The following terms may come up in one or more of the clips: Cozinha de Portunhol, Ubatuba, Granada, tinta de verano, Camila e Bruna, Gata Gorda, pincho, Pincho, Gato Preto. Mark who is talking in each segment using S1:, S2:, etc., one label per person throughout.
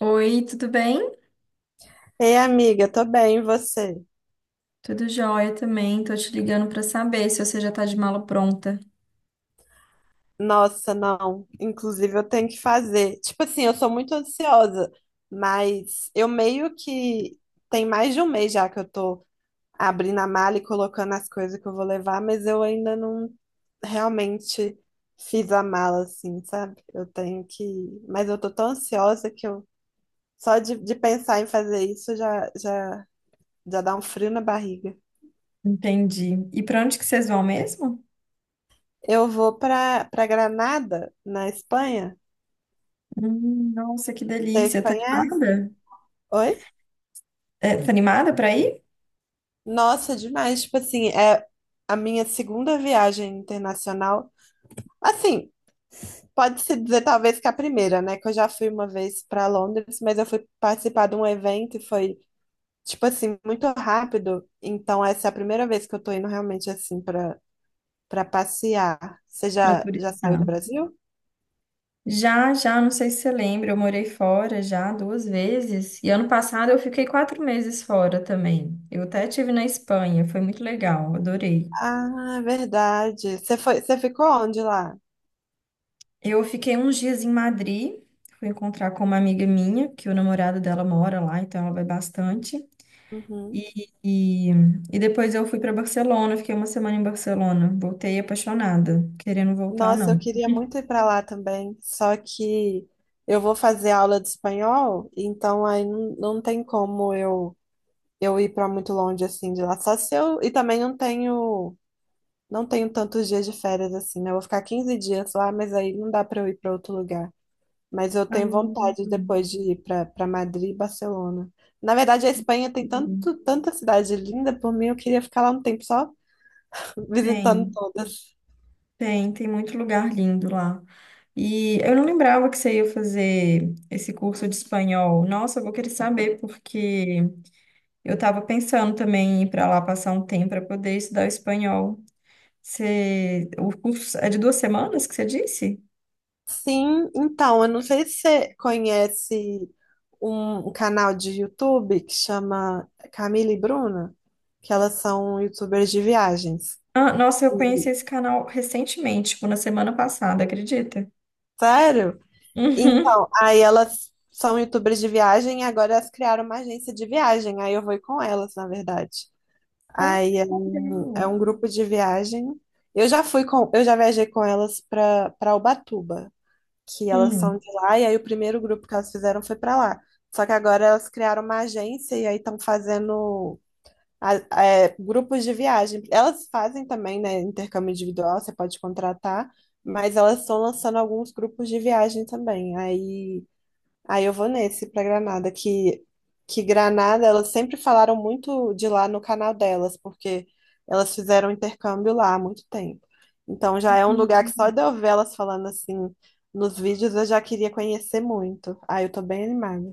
S1: Oi, tudo bem?
S2: Ei, amiga, tô bem, e você?
S1: Tudo jóia também. Tô te ligando pra saber se você já tá de mala pronta.
S2: Nossa, não. Inclusive, eu tenho que fazer. Tipo assim, eu sou muito ansiosa, mas eu meio que tem mais de um mês já que eu tô abrindo a mala e colocando as coisas que eu vou levar, mas eu ainda não realmente fiz a mala, assim, sabe? Eu tenho que. Mas eu tô tão ansiosa que eu só de pensar em fazer isso já dá um frio na barriga.
S1: Entendi. E pra onde que vocês vão mesmo?
S2: Eu vou pra Granada, na Espanha.
S1: Nossa, que
S2: Você
S1: delícia. Tá
S2: conhece?
S1: animada?
S2: Oi?
S1: É, tá animada pra ir?
S2: Nossa, demais. Tipo assim, é a minha segunda viagem internacional. Assim, pode-se dizer talvez que a primeira, né? Que eu já fui uma vez para Londres, mas eu fui participar de um evento e foi, tipo assim, muito rápido. Então, essa é a primeira vez que eu tô indo realmente assim para para passear. Você
S1: Pra
S2: já saiu do
S1: turistar.
S2: Brasil?
S1: Já, já, não sei se você lembra, eu morei fora já 2 vezes. E ano passado eu fiquei 4 meses fora também. Eu até tive na Espanha, foi muito legal, adorei.
S2: Ah, é verdade. Você foi, você ficou onde lá?
S1: Eu fiquei uns dias em Madrid, fui encontrar com uma amiga minha, que o namorado dela mora lá, então ela vai bastante.
S2: Uhum.
S1: E, e, e depois eu fui para Barcelona, fiquei uma semana em Barcelona. Voltei apaixonada, querendo voltar,
S2: Nossa, eu
S1: não.
S2: queria muito ir para lá também, só que eu vou fazer aula de espanhol, então aí não tem como eu ir para muito longe assim de lá. Só se eu e também não tenho tantos dias de férias assim, né? Eu vou ficar 15 dias lá, mas aí não dá para eu ir para outro lugar. Mas eu
S1: Ah,
S2: tenho vontade depois de ir para Madrid e Barcelona. Na verdade, a Espanha tem
S1: uhum.
S2: tanto tanta cidade linda, por mim eu queria ficar lá um tempo só visitando
S1: Tem,
S2: todas.
S1: tem muito lugar lindo lá. E eu não lembrava que você ia fazer esse curso de espanhol. Nossa, eu vou querer saber, porque eu estava pensando também em ir para lá passar um tempo para poder estudar o espanhol. O curso é de 2 semanas que você disse?
S2: Sim, então, eu não sei se você conhece um canal de YouTube que chama Camila e Bruna, que elas são youtubers de viagens.
S1: Ah, nossa, eu conheci
S2: E-
S1: esse canal recentemente, tipo, na semana passada, acredita?
S2: Sério?
S1: Uhum.
S2: Então, aí elas são youtubers de viagem e agora elas criaram uma agência de viagem. Aí eu vou ir com elas, na verdade.
S1: Ah,
S2: Aí
S1: que
S2: é
S1: legal.
S2: um grupo de viagem. Eu já fui com, eu já viajei com elas para Ubatuba. Que elas são
S1: Hum.
S2: de lá, e aí o primeiro grupo que elas fizeram foi pra lá. Só que agora elas criaram uma agência e aí estão fazendo a- grupos de viagem. Elas fazem também, né, intercâmbio individual, você pode contratar, mas elas estão lançando alguns grupos de viagem também. Aí eu vou nesse pra Granada, que, Granada, elas sempre falaram muito de lá no canal delas, porque elas fizeram intercâmbio lá há muito tempo. Então já é um lugar que só
S1: Uhum.
S2: de eu ver elas falando assim nos vídeos eu já queria conhecer muito. Aí eu tô bem animada.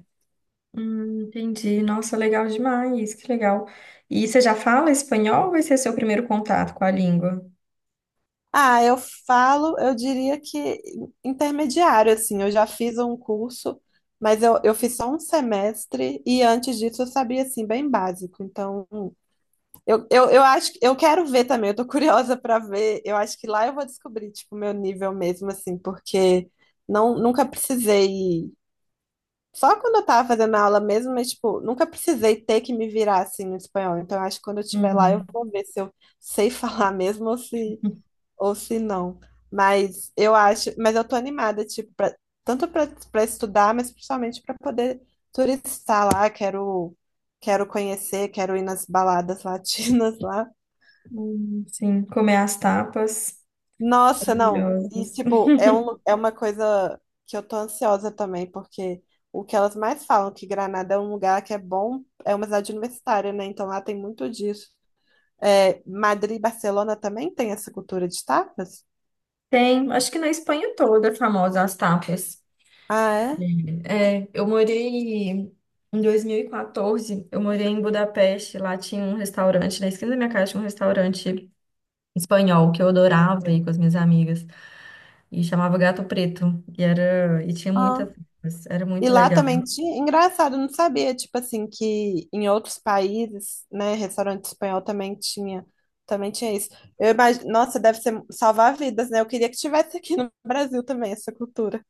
S1: Entendi. Nossa, legal demais, que legal. E você já fala espanhol ou vai ser seu primeiro contato com a língua?
S2: Ah, eu falo, eu diria que intermediário, assim, eu já fiz um curso, mas eu fiz só um semestre e antes disso eu sabia, assim, bem básico. Então. Eu acho que eu quero ver também, eu tô curiosa pra ver. Eu acho que lá eu vou descobrir, tipo, o meu nível mesmo, assim, porque não, nunca precisei. Só quando eu tava fazendo aula mesmo, mas, tipo, nunca precisei ter que me virar assim no espanhol. Então, eu acho que quando eu estiver lá, eu
S1: Uhum.
S2: vou ver se eu sei falar mesmo ou se não. Mas eu acho, mas eu tô animada, tipo, tanto pra estudar, mas principalmente pra poder turistar lá. Quero conhecer, quero ir nas baladas latinas lá.
S1: Sim, comer as tapas
S2: Nossa, não. E,
S1: maravilhosas.
S2: tipo, é uma coisa que eu tô ansiosa também, porque o que elas mais falam, que Granada é um lugar que é bom, é uma cidade universitária, né? Então lá tem muito disso. É, Madrid e Barcelona também tem essa cultura de tapas?
S1: Tem, acho que na Espanha toda é famosa as tapas.
S2: Ah, é?
S1: É, eu morei em 2014, eu morei em Budapeste, lá tinha um restaurante, na esquina da minha casa tinha um restaurante espanhol que eu adorava ir com as minhas amigas e chamava Gato Preto e era e tinha
S2: Ah.
S1: muitas festas, era
S2: E
S1: muito
S2: lá
S1: legal.
S2: também tinha. Engraçado, eu não sabia, tipo assim, que em outros países, né, restaurante espanhol também tinha. Também tinha isso. Eu imagino, nossa, deve ser salvar vidas, né? Eu queria que tivesse aqui no Brasil também essa cultura.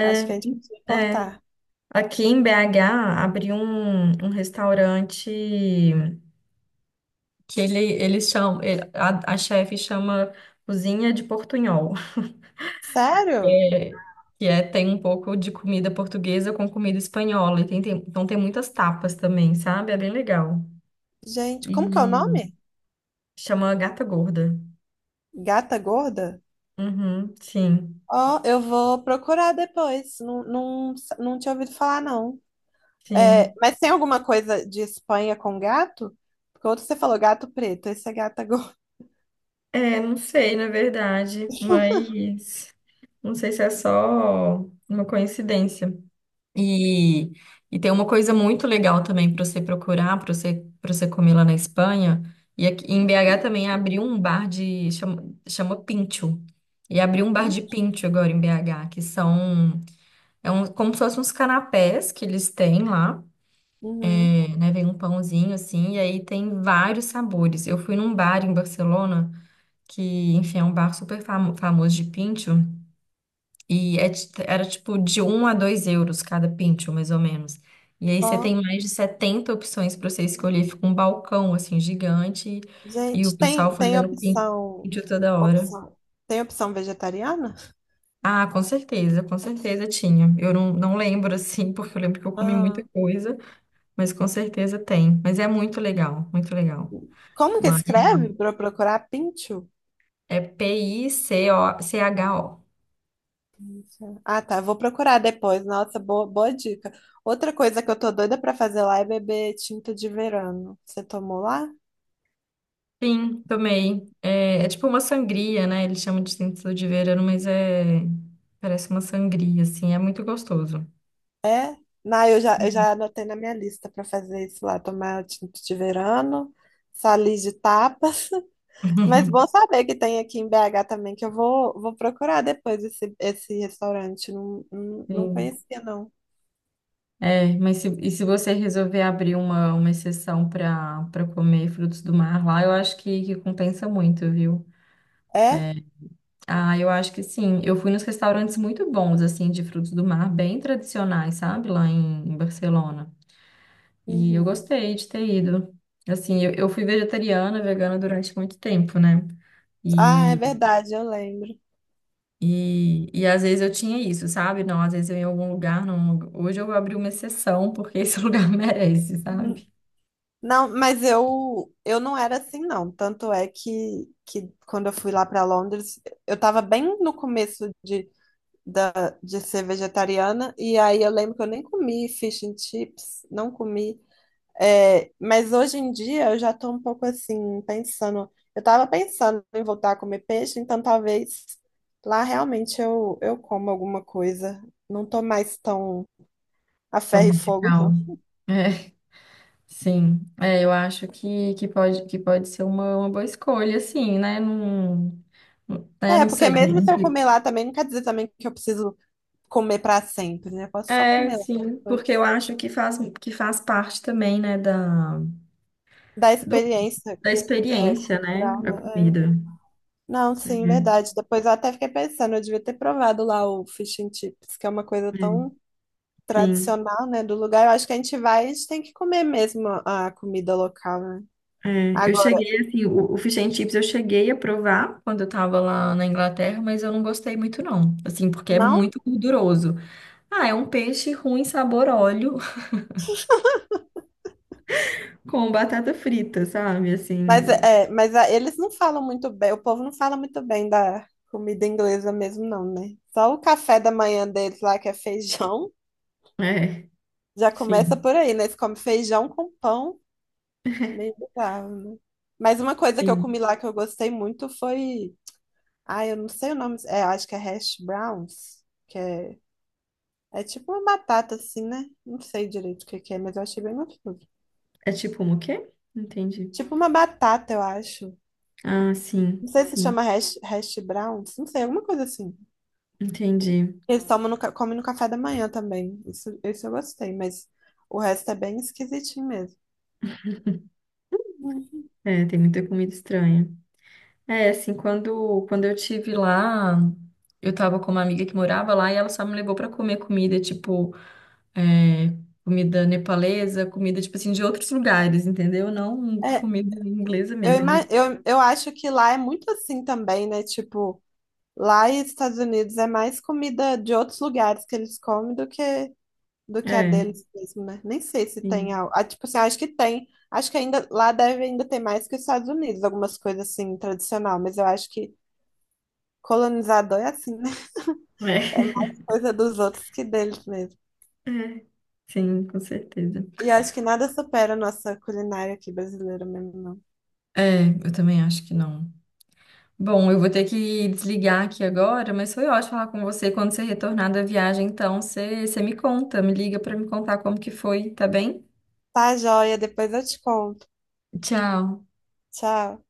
S2: Acho que a gente podia
S1: é.
S2: importar.
S1: Aqui em BH abriu um restaurante que ele eles chamam ele- a chefe chama Cozinha de Portunhol.
S2: Sério?
S1: É, que é tem um pouco de comida portuguesa com comida espanhola e tem, então tem muitas tapas também, sabe? É bem legal.
S2: Gente, como que é o
S1: E
S2: nome?
S1: chama Gata Gorda.
S2: Gata Gorda?
S1: Uhum, sim.
S2: Ó, eu vou procurar depois. Não, não, não tinha ouvido falar, não. É,
S1: Sim.
S2: mas tem alguma coisa de Espanha com gato? Porque outro você falou gato preto, esse é gata gorda.
S1: É, não sei, na verdade, mas não sei se é só uma coincidência. E, e tem uma coisa muito legal também para você procurar, para você comer lá na Espanha. E aqui, em BH também abriu um bar de. Chama Pincho. E abriu um bar
S2: Pin-
S1: de pincho agora em BH, que são. É um, como se fossem uns canapés que eles têm lá,
S2: Uhum.
S1: é, né? Vem um pãozinho assim, e aí tem vários sabores. Eu fui num bar em Barcelona, que, enfim, é um bar super famoso de pincho, e era tipo de 1 a 2 euros cada pincho, mais ou menos. E aí você tem
S2: Ó,
S1: mais de 70 opções para você escolher, fica um balcão, assim, gigante, e o
S2: gente,
S1: pessoal
S2: tem, tem
S1: fazendo pin-
S2: opção,
S1: pincho toda hora.
S2: opção. Tem opção vegetariana?
S1: Ah, com certeza tinha. Eu não lembro, assim, porque eu lembro que eu comi muita
S2: Ah,
S1: coisa, mas com certeza tem. Mas é muito legal, muito legal.
S2: como que
S1: Mas
S2: escreve para procurar pincho?
S1: é Picocho.
S2: Isso. Ah, tá. Vou procurar depois. Nossa, boa, boa dica. Outra coisa que eu tô doida pra fazer lá é beber tinta de verano. Você tomou lá?
S1: Sim, tomei. é, tipo uma sangria, né? Eles chamam de sentido de verano, mas é. Parece uma sangria, assim. É muito gostoso.
S2: É? Não, eu já, eu
S1: Uhum.
S2: já anotei na minha lista pra fazer isso lá. Tomar tinta de verano, salis de tapas. Mas bom saber que tem aqui em BH também, que eu vou procurar depois esse restaurante. Não, não, não
S1: Sim.
S2: conhecia, não.
S1: É, mas se, e se você resolver abrir uma exceção para comer frutos do mar lá, eu acho que, compensa muito, viu?
S2: É?
S1: É, ah, eu acho que sim. Eu fui nos restaurantes muito bons, assim, de frutos do mar, bem tradicionais, sabe? Lá em Barcelona. E eu
S2: Uhum.
S1: gostei de ter ido. Assim, eu fui vegetariana, vegana durante muito tempo, né?
S2: Ah, é
S1: E,
S2: verdade, eu lembro.
S1: e às vezes eu tinha isso, sabe? Não, às vezes eu ia em algum lugar, não. Hoje eu abri uma exceção porque esse lugar merece, sabe?
S2: Não, mas eu não era assim não. Tanto é que quando eu fui lá para Londres, eu estava bem no começo de da, de ser vegetariana e aí eu lembro que eu nem comi fish and chips, não comi. É, mas hoje em dia eu já estou um pouco assim pensando. Eu estava pensando em voltar a comer peixe, então talvez lá realmente eu como alguma coisa. Não estou mais tão a
S1: Tão
S2: ferro e fogo,
S1: radical.
S2: não.
S1: É, sim. É, eu acho que, pode, que pode ser uma boa escolha, assim, né? Não, né?
S2: É,
S1: Não
S2: porque
S1: sei.
S2: mesmo se
S1: Não
S2: eu
S1: sei.
S2: comer lá também, não quer dizer também que eu preciso comer para sempre, né? Eu posso só
S1: É,
S2: comer lá
S1: sim, porque eu
S2: depois.
S1: acho que faz parte também, né,
S2: Da
S1: do
S2: experiência
S1: da
S2: é,
S1: experiência, né?
S2: cultural,
S1: A
S2: né? É.
S1: comida.
S2: Não, sim,
S1: Uhum.
S2: verdade. Depois eu até fiquei pensando, eu devia ter provado lá o fish and chips, que é uma coisa tão
S1: É, sim.
S2: tradicional, né, do lugar. Eu acho que a gente vai, a gente tem que comer mesmo a comida local, né?
S1: É, eu
S2: Agora,
S1: cheguei, assim, o fish and chips eu cheguei a provar quando eu tava lá na Inglaterra, mas eu não gostei muito, não. Assim, porque é
S2: não,
S1: muito gorduroso. Ah, é um peixe ruim, sabor óleo, com batata frita, sabe?
S2: mas
S1: Assim,
S2: é, é, mas eles não falam muito bem, o povo não fala muito bem da comida inglesa mesmo, não, né? Só o café da manhã deles lá, que é feijão,
S1: é,
S2: já começa
S1: sim,
S2: por aí, né? Eles comem feijão com pão. Meio bizarro, né? Mas uma coisa que eu
S1: sim.
S2: comi lá que eu gostei muito foi. Ah, eu não sei o nome. É, acho que é hash browns, que é, é tipo uma batata assim, né? Não sei direito o que que é, mas eu achei bem gostoso.
S1: É tipo um o quê? Entendi.
S2: Tipo uma batata, eu acho.
S1: Ah, sim,
S2: Não sei se
S1: sim.
S2: chama hash browns, não sei, alguma coisa assim.
S1: Entendi.
S2: Eles tomam comem no café da manhã também. Isso eu gostei, mas o resto é bem esquisitinho mesmo. Hum.
S1: É, tem muita comida estranha. É, assim, quando eu tive lá, eu tava com uma amiga que morava lá e ela só me levou pra comer comida, tipo, é, comida nepalesa, comida, tipo assim, de outros lugares, entendeu? Não
S2: É,
S1: comida inglesa
S2: eu,
S1: mesmo.
S2: ima- eu, eu acho que lá é muito assim também, né? Tipo. Lá nos Estados Unidos é mais comida de outros lugares que eles comem do que, a
S1: É,
S2: deles mesmo, né? Nem sei se tem
S1: sim.
S2: algo. Ah, tipo assim, acho que tem. Acho que ainda lá deve ainda ter mais que os Estados Unidos, algumas coisas assim, tradicional, mas eu acho que colonizador é assim, né?
S1: É,
S2: É mais coisa dos outros que deles mesmo.
S1: é, sim, com certeza.
S2: E eu acho que nada supera a nossa culinária aqui brasileira mesmo, não.
S1: É, eu também acho que não. Bom, eu vou ter que desligar aqui agora, mas foi ótimo falar com você. Quando você retornar da viagem, então, você me conta, me liga pra me contar como que foi, tá bem?
S2: Tá, joia, depois eu te conto.
S1: Tchau.
S2: Tchau.